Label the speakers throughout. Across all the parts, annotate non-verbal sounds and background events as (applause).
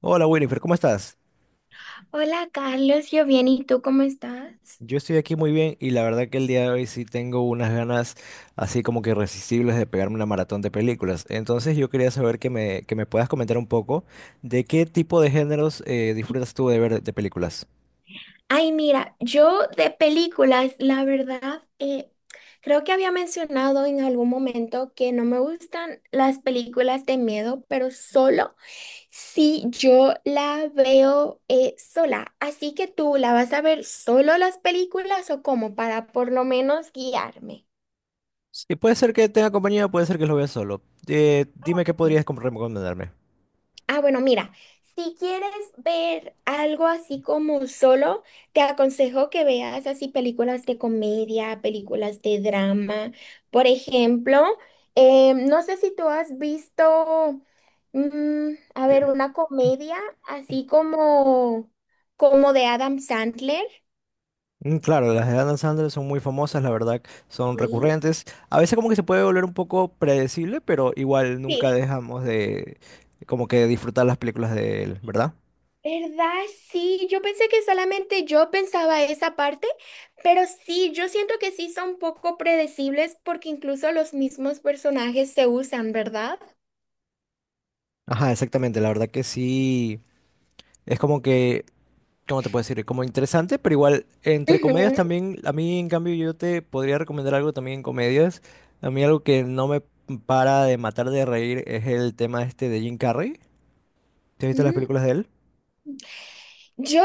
Speaker 1: Hola Winifred, ¿cómo estás?
Speaker 2: Hola Carlos, yo bien, ¿y tú cómo estás?
Speaker 1: Yo estoy aquí muy bien y la verdad que el día de hoy sí tengo unas ganas así como que irresistibles de pegarme una maratón de películas. Entonces yo quería saber que me puedas comentar un poco de qué tipo de géneros disfrutas tú de ver de películas.
Speaker 2: Ay, mira, yo de películas, la verdad, creo que había mencionado en algún momento que no me gustan las películas de miedo, pero solo si yo la veo sola. Así que tú, ¿la vas a ver solo las películas o cómo? Para por lo menos guiarme.
Speaker 1: Y puede ser que tenga compañía, puede ser que lo vea solo. Dime qué podrías recomendarme.
Speaker 2: Ah, bueno, mira, si quieres ver algo así como solo, te aconsejo que veas así películas de comedia, películas de drama. Por ejemplo, no sé si tú has visto, a ver, una comedia así como, como de Adam Sandler.
Speaker 1: Mm, claro, las de Adam Sandler son muy famosas, la verdad, son
Speaker 2: Sí.
Speaker 1: recurrentes. A veces como que se puede volver un poco predecible, pero igual nunca
Speaker 2: Sí.
Speaker 1: dejamos de como que disfrutar las películas de él, ¿verdad?
Speaker 2: ¿Verdad? Sí, yo pensé que solamente yo pensaba esa parte, pero sí, yo siento que sí son poco predecibles porque incluso los mismos personajes se usan, ¿verdad?
Speaker 1: Ajá, exactamente, la verdad que sí, es como que, ¿cómo te puedo decir? Como interesante, pero igual entre comedias
Speaker 2: Ujú.
Speaker 1: también, a mí en cambio yo te podría recomendar algo también en comedias. A mí algo que no me para de matar de reír es el tema este de Jim Carrey. ¿Te has visto las
Speaker 2: Mm.
Speaker 1: películas de él?
Speaker 2: Yo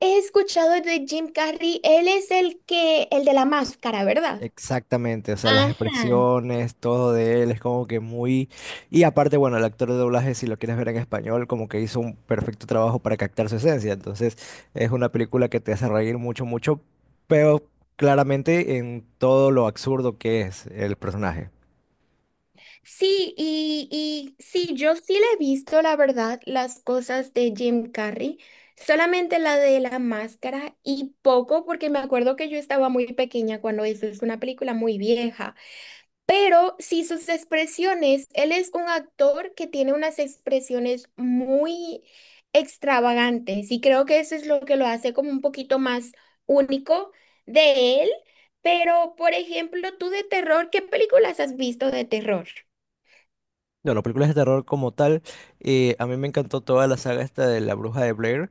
Speaker 2: he escuchado de Jim Carrey, él es el que, el de la máscara, ¿verdad?
Speaker 1: Exactamente, o sea, las
Speaker 2: Ajá.
Speaker 1: expresiones, todo de él es como que muy... Y aparte, bueno, el actor de doblaje, si lo quieres ver en español, como que hizo un perfecto trabajo para captar su esencia. Entonces, es una película que te hace reír mucho, mucho, pero claramente en todo lo absurdo que es el personaje.
Speaker 2: Sí, y sí, yo sí le he visto, la verdad, las cosas de Jim Carrey, solamente la de la máscara y poco, porque me acuerdo que yo estaba muy pequeña cuando eso, es una película muy vieja, pero sí sus expresiones, él es un actor que tiene unas expresiones muy extravagantes y creo que eso es lo que lo hace como un poquito más único de él. Pero por ejemplo, tú de terror, ¿qué películas has visto de terror?
Speaker 1: No, las películas de terror como tal, a mí me encantó toda la saga esta de La Bruja de Blair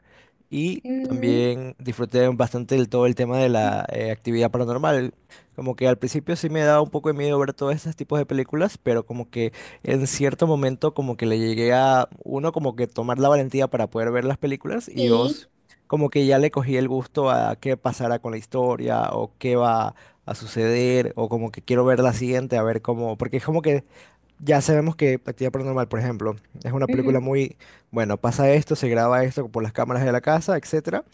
Speaker 1: y
Speaker 2: Ujú.
Speaker 1: también disfruté bastante todo el tema de la actividad paranormal. Como que al principio sí me daba un poco de miedo ver todos estos tipos de películas, pero como que en cierto momento como que le llegué a, uno, como que tomar la valentía para poder ver las películas y
Speaker 2: Sí.
Speaker 1: dos, como que ya le cogí el gusto a qué pasará con la historia o qué va a suceder o como que quiero ver la siguiente, a ver cómo, porque es como que... Ya sabemos que Actividad Paranormal, por ejemplo, es una
Speaker 2: Ujú.
Speaker 1: película muy, bueno, pasa esto, se graba esto por las cámaras de la casa, etcétera,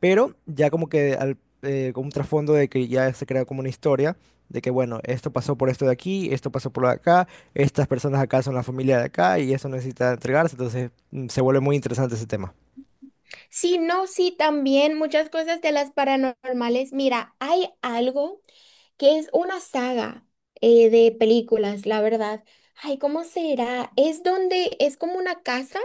Speaker 1: pero ya como que con un trasfondo de que ya se crea como una historia de que, bueno, esto pasó por esto de aquí, esto pasó por acá, estas personas acá son la familia de acá y eso necesita entregarse, entonces se vuelve muy interesante ese tema.
Speaker 2: Sí, no, sí, también muchas cosas de las paranormales. Mira, hay algo que es una saga de películas, la verdad. Ay, ¿cómo será? Es donde es como una casa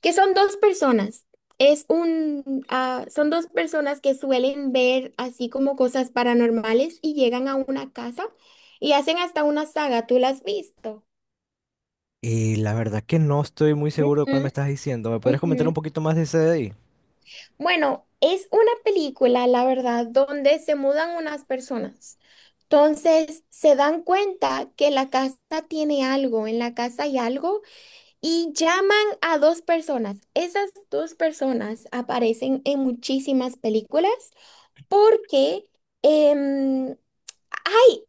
Speaker 2: que son dos personas. Es un, ah, son dos personas que suelen ver así como cosas paranormales y llegan a una casa y hacen hasta una saga. ¿Tú la has visto?
Speaker 1: Y la verdad que no estoy muy seguro de
Speaker 2: Ujú,
Speaker 1: cuál me estás diciendo. ¿Me podrías
Speaker 2: ujú.
Speaker 1: comentar un poquito más de ese de ahí?
Speaker 2: Bueno, es una película, la verdad, donde se mudan unas personas. Entonces se dan cuenta que la casa tiene algo, en la casa hay algo, y llaman a dos personas. Esas dos personas aparecen en muchísimas películas porque em, ay,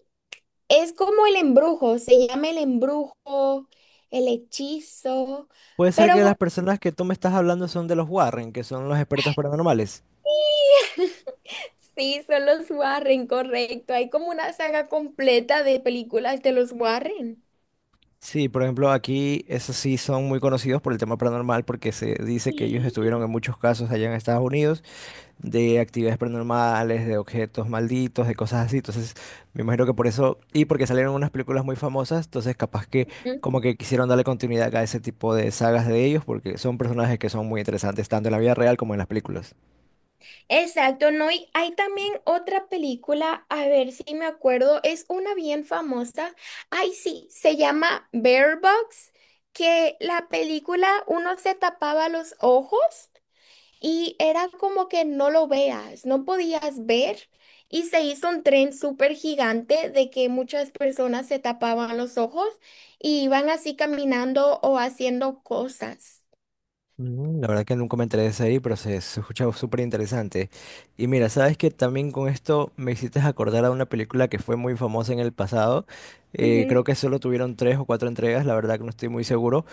Speaker 2: es como el embrujo, se llama el embrujo, el hechizo,
Speaker 1: Puede ser
Speaker 2: pero
Speaker 1: que
Speaker 2: bu-
Speaker 1: las personas que tú me estás hablando son de los Warren, que son los expertos paranormales.
Speaker 2: (laughs) Sí, son los Warren, correcto. Hay como una saga completa de películas de los Warren.
Speaker 1: Sí, por ejemplo, aquí esos sí son muy conocidos por el tema paranormal porque se dice que ellos
Speaker 2: Sí.
Speaker 1: estuvieron en muchos casos allá en Estados Unidos de actividades paranormales, de objetos malditos, de cosas así. Entonces, me imagino que por eso, y porque salieron unas películas muy famosas, entonces capaz que
Speaker 2: Ujú.
Speaker 1: como que quisieron darle continuidad a ese tipo de sagas de ellos porque son personajes que son muy interesantes tanto en la vida real como en las películas.
Speaker 2: Exacto, no, y hay también otra película, a ver si me acuerdo, es una bien famosa. Ay, sí, se llama Bear Box, que la película uno se tapaba los ojos. Y era como que no lo veas, no podías ver. Y se hizo un tren súper gigante de que muchas personas se tapaban los ojos y iban así caminando o haciendo cosas.
Speaker 1: Mm, la verdad que nunca me enteré de esa ahí, pero se escucha súper interesante. Y mira, sabes que también con esto me hiciste acordar a una película que fue muy famosa en el pasado. Creo
Speaker 2: Ujú.
Speaker 1: que solo tuvieron tres o cuatro entregas, la verdad que no estoy muy seguro.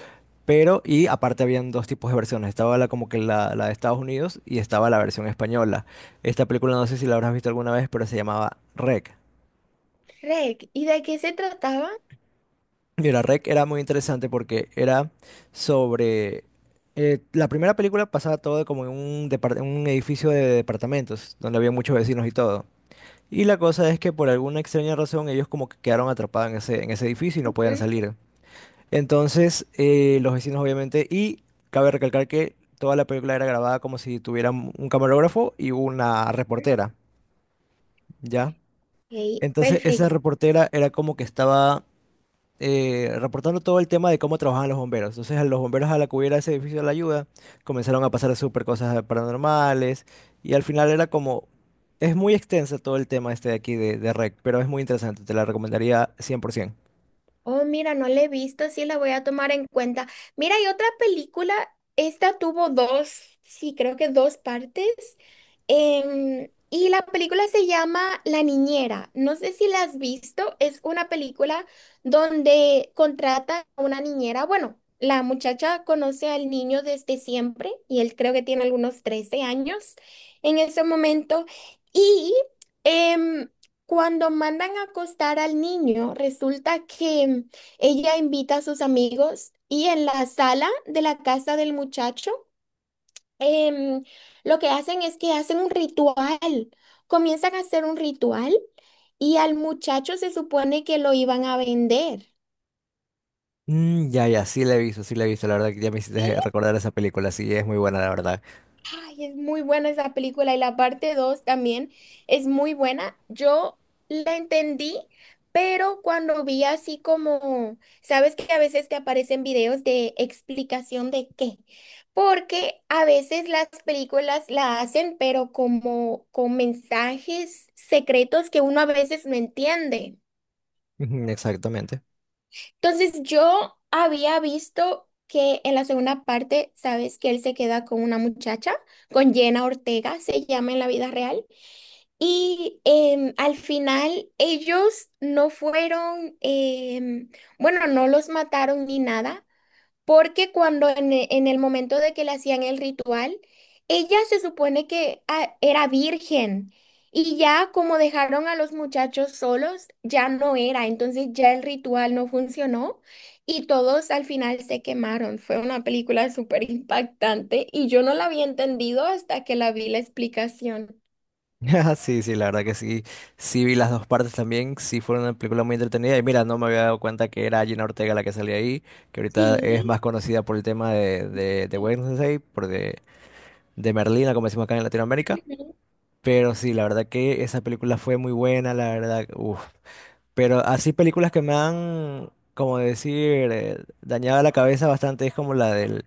Speaker 1: Pero, y aparte habían dos tipos de versiones. Estaba la como que la de Estados Unidos y estaba la versión española. Esta película no sé si la habrás visto alguna vez, pero se llamaba REC.
Speaker 2: Reg, ¿y de qué se trataba?
Speaker 1: Y la REC era muy interesante porque era sobre... la primera película pasaba todo como en un, un edificio de departamentos, donde había muchos vecinos y todo. Y la cosa es que por alguna extraña razón ellos como que quedaron atrapados en ese edificio y no podían
Speaker 2: Ujú.
Speaker 1: salir. Entonces los vecinos obviamente... Y cabe recalcar que toda la película era grabada como si tuvieran un camarógrafo y una reportera, ¿ya?
Speaker 2: Ok,
Speaker 1: Entonces esa
Speaker 2: perfecto.
Speaker 1: reportera era como que estaba reportando todo el tema de cómo trabajaban los bomberos. Entonces, a los bomberos a la que hubiera ese edificio de la ayuda, comenzaron a pasar súper cosas paranormales y al final era como... Es muy extensa todo el tema este de aquí de REC, pero es muy interesante, te la recomendaría 100%.
Speaker 2: Oh, mira, no la he visto, sí la voy a tomar en cuenta. Mira, hay otra película, esta tuvo dos, sí, creo que dos partes. Y la película se llama La Niñera. No sé si la has visto, es una película donde contrata a una niñera. Bueno, la muchacha conoce al niño desde siempre y él creo que tiene algunos 13 años en ese momento. Y em, cuando mandan a acostar al niño, resulta que ella invita a sus amigos y en la sala de la casa del muchacho, em, lo que hacen es que hacen un ritual. Comienzan a hacer un ritual y al muchacho se supone que lo iban a vender.
Speaker 1: Mm, ya, ya, sí la he visto, sí la he visto, la verdad que ya me
Speaker 2: Sí,
Speaker 1: hiciste recordar esa película, sí, es muy buena, la verdad.
Speaker 2: ay, es muy buena esa película y la parte 2 también es muy buena. Yo la entendí, pero cuando vi así como, sabes que a veces te aparecen videos de explicación de qué, porque a veces las películas la hacen, pero como con mensajes secretos que uno a veces no entiende.
Speaker 1: (laughs) Ujú, exactamente.
Speaker 2: Entonces yo había visto que en la segunda parte, sabes que él se queda con una muchacha, con Jenna Ortega, se llama en la vida real, y al final ellos no fueron, bueno, no los mataron ni nada, porque cuando en, e- en el momento de que le hacían el ritual, ella se supone que ah, era virgen y ya como dejaron a los muchachos solos, ya no era, entonces ya el ritual no funcionó y todos al final se quemaron. Fue una película súper impactante y yo no la había entendido hasta que la vi la explicación.
Speaker 1: (laughs) Sí, sí, la verdad que sí. Sí vi las dos partes también. Sí fue una película muy entretenida. Y mira, no me había dado cuenta que era Gina Ortega la que salía ahí, que ahorita es
Speaker 2: Sí.
Speaker 1: más conocida por el tema de Wednesday, de Merlina, como decimos acá en Latinoamérica.
Speaker 2: Ujú.
Speaker 1: Pero sí, la verdad que esa película fue muy buena, la verdad. Uf. Pero así películas que me han, como decir, dañado la cabeza bastante es como la del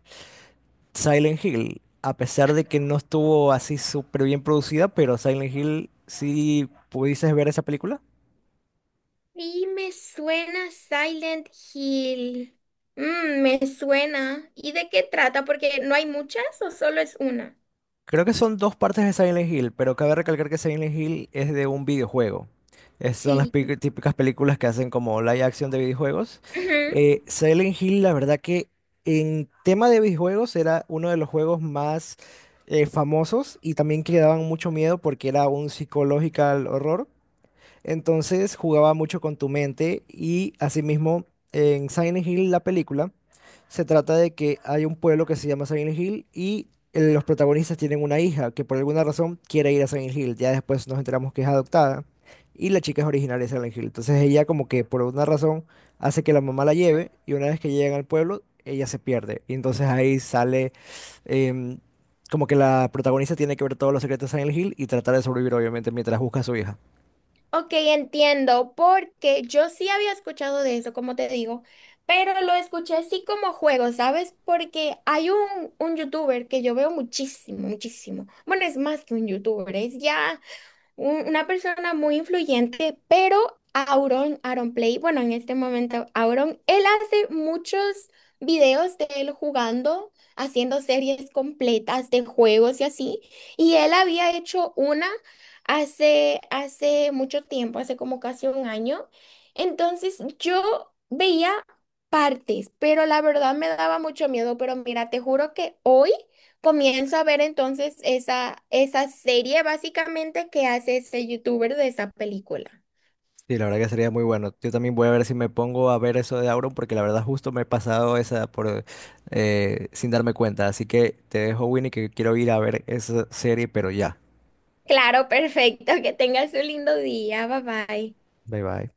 Speaker 1: Silent Hill, a pesar de que no estuvo así súper bien producida, pero Silent Hill, sí pudieses ver esa película.
Speaker 2: Y me suena Silent Hill. Mm, me suena. ¿Y de qué trata? Porque no hay muchas o solo es una.
Speaker 1: Creo que son dos partes de Silent Hill, pero cabe recalcar que Silent Hill es de un videojuego. Son las
Speaker 2: Sí.
Speaker 1: típicas películas que hacen como live action de videojuegos.
Speaker 2: Ujú.
Speaker 1: Silent Hill, la verdad que en tema de videojuegos era uno de los juegos más famosos y también que daban mucho miedo porque era un psychological horror. Entonces jugaba mucho con tu mente y asimismo en Silent Hill la película se trata de que hay un pueblo que se llama Silent Hill y los protagonistas tienen una hija que por alguna razón quiere ir a Silent Hill. Ya después nos enteramos que es adoptada y la chica es originaria de Silent Hill. Entonces ella como que por alguna razón hace que la mamá la lleve y una vez que llegan al pueblo ella se pierde. Y entonces ahí sale em, como que la protagonista tiene que ver todos los secretos de Silent Hill y tratar de sobrevivir obviamente mientras busca a su hija.
Speaker 2: Ok, entiendo, porque yo sí había escuchado de eso, como te digo, pero lo escuché así como juego, ¿sabes? Porque hay un youtuber que yo veo muchísimo, muchísimo. Bueno, es más que un youtuber, es ya un- una persona muy influyente, pero Auron, Auron Play, bueno, en este momento Auron, él hace muchos videos de él jugando, haciendo series completas de juegos y así, y él había hecho una hace, hace mucho tiempo, hace como casi un año, entonces yo veía partes, pero la verdad me daba mucho miedo, pero mira, te juro que hoy... Comienzo a ver entonces esa serie básicamente que hace ese youtuber de esa película.
Speaker 1: Sí, la verdad que sería muy bueno. Yo también voy a ver si me pongo a ver eso de Auron, porque la verdad justo me he pasado esa por sin darme cuenta. Así que te dejo, Winnie, que quiero ir a ver esa serie, pero ya.
Speaker 2: Claro, (laughs) perfecto. Que tengas un lindo día. Bye bye.
Speaker 1: Bye bye.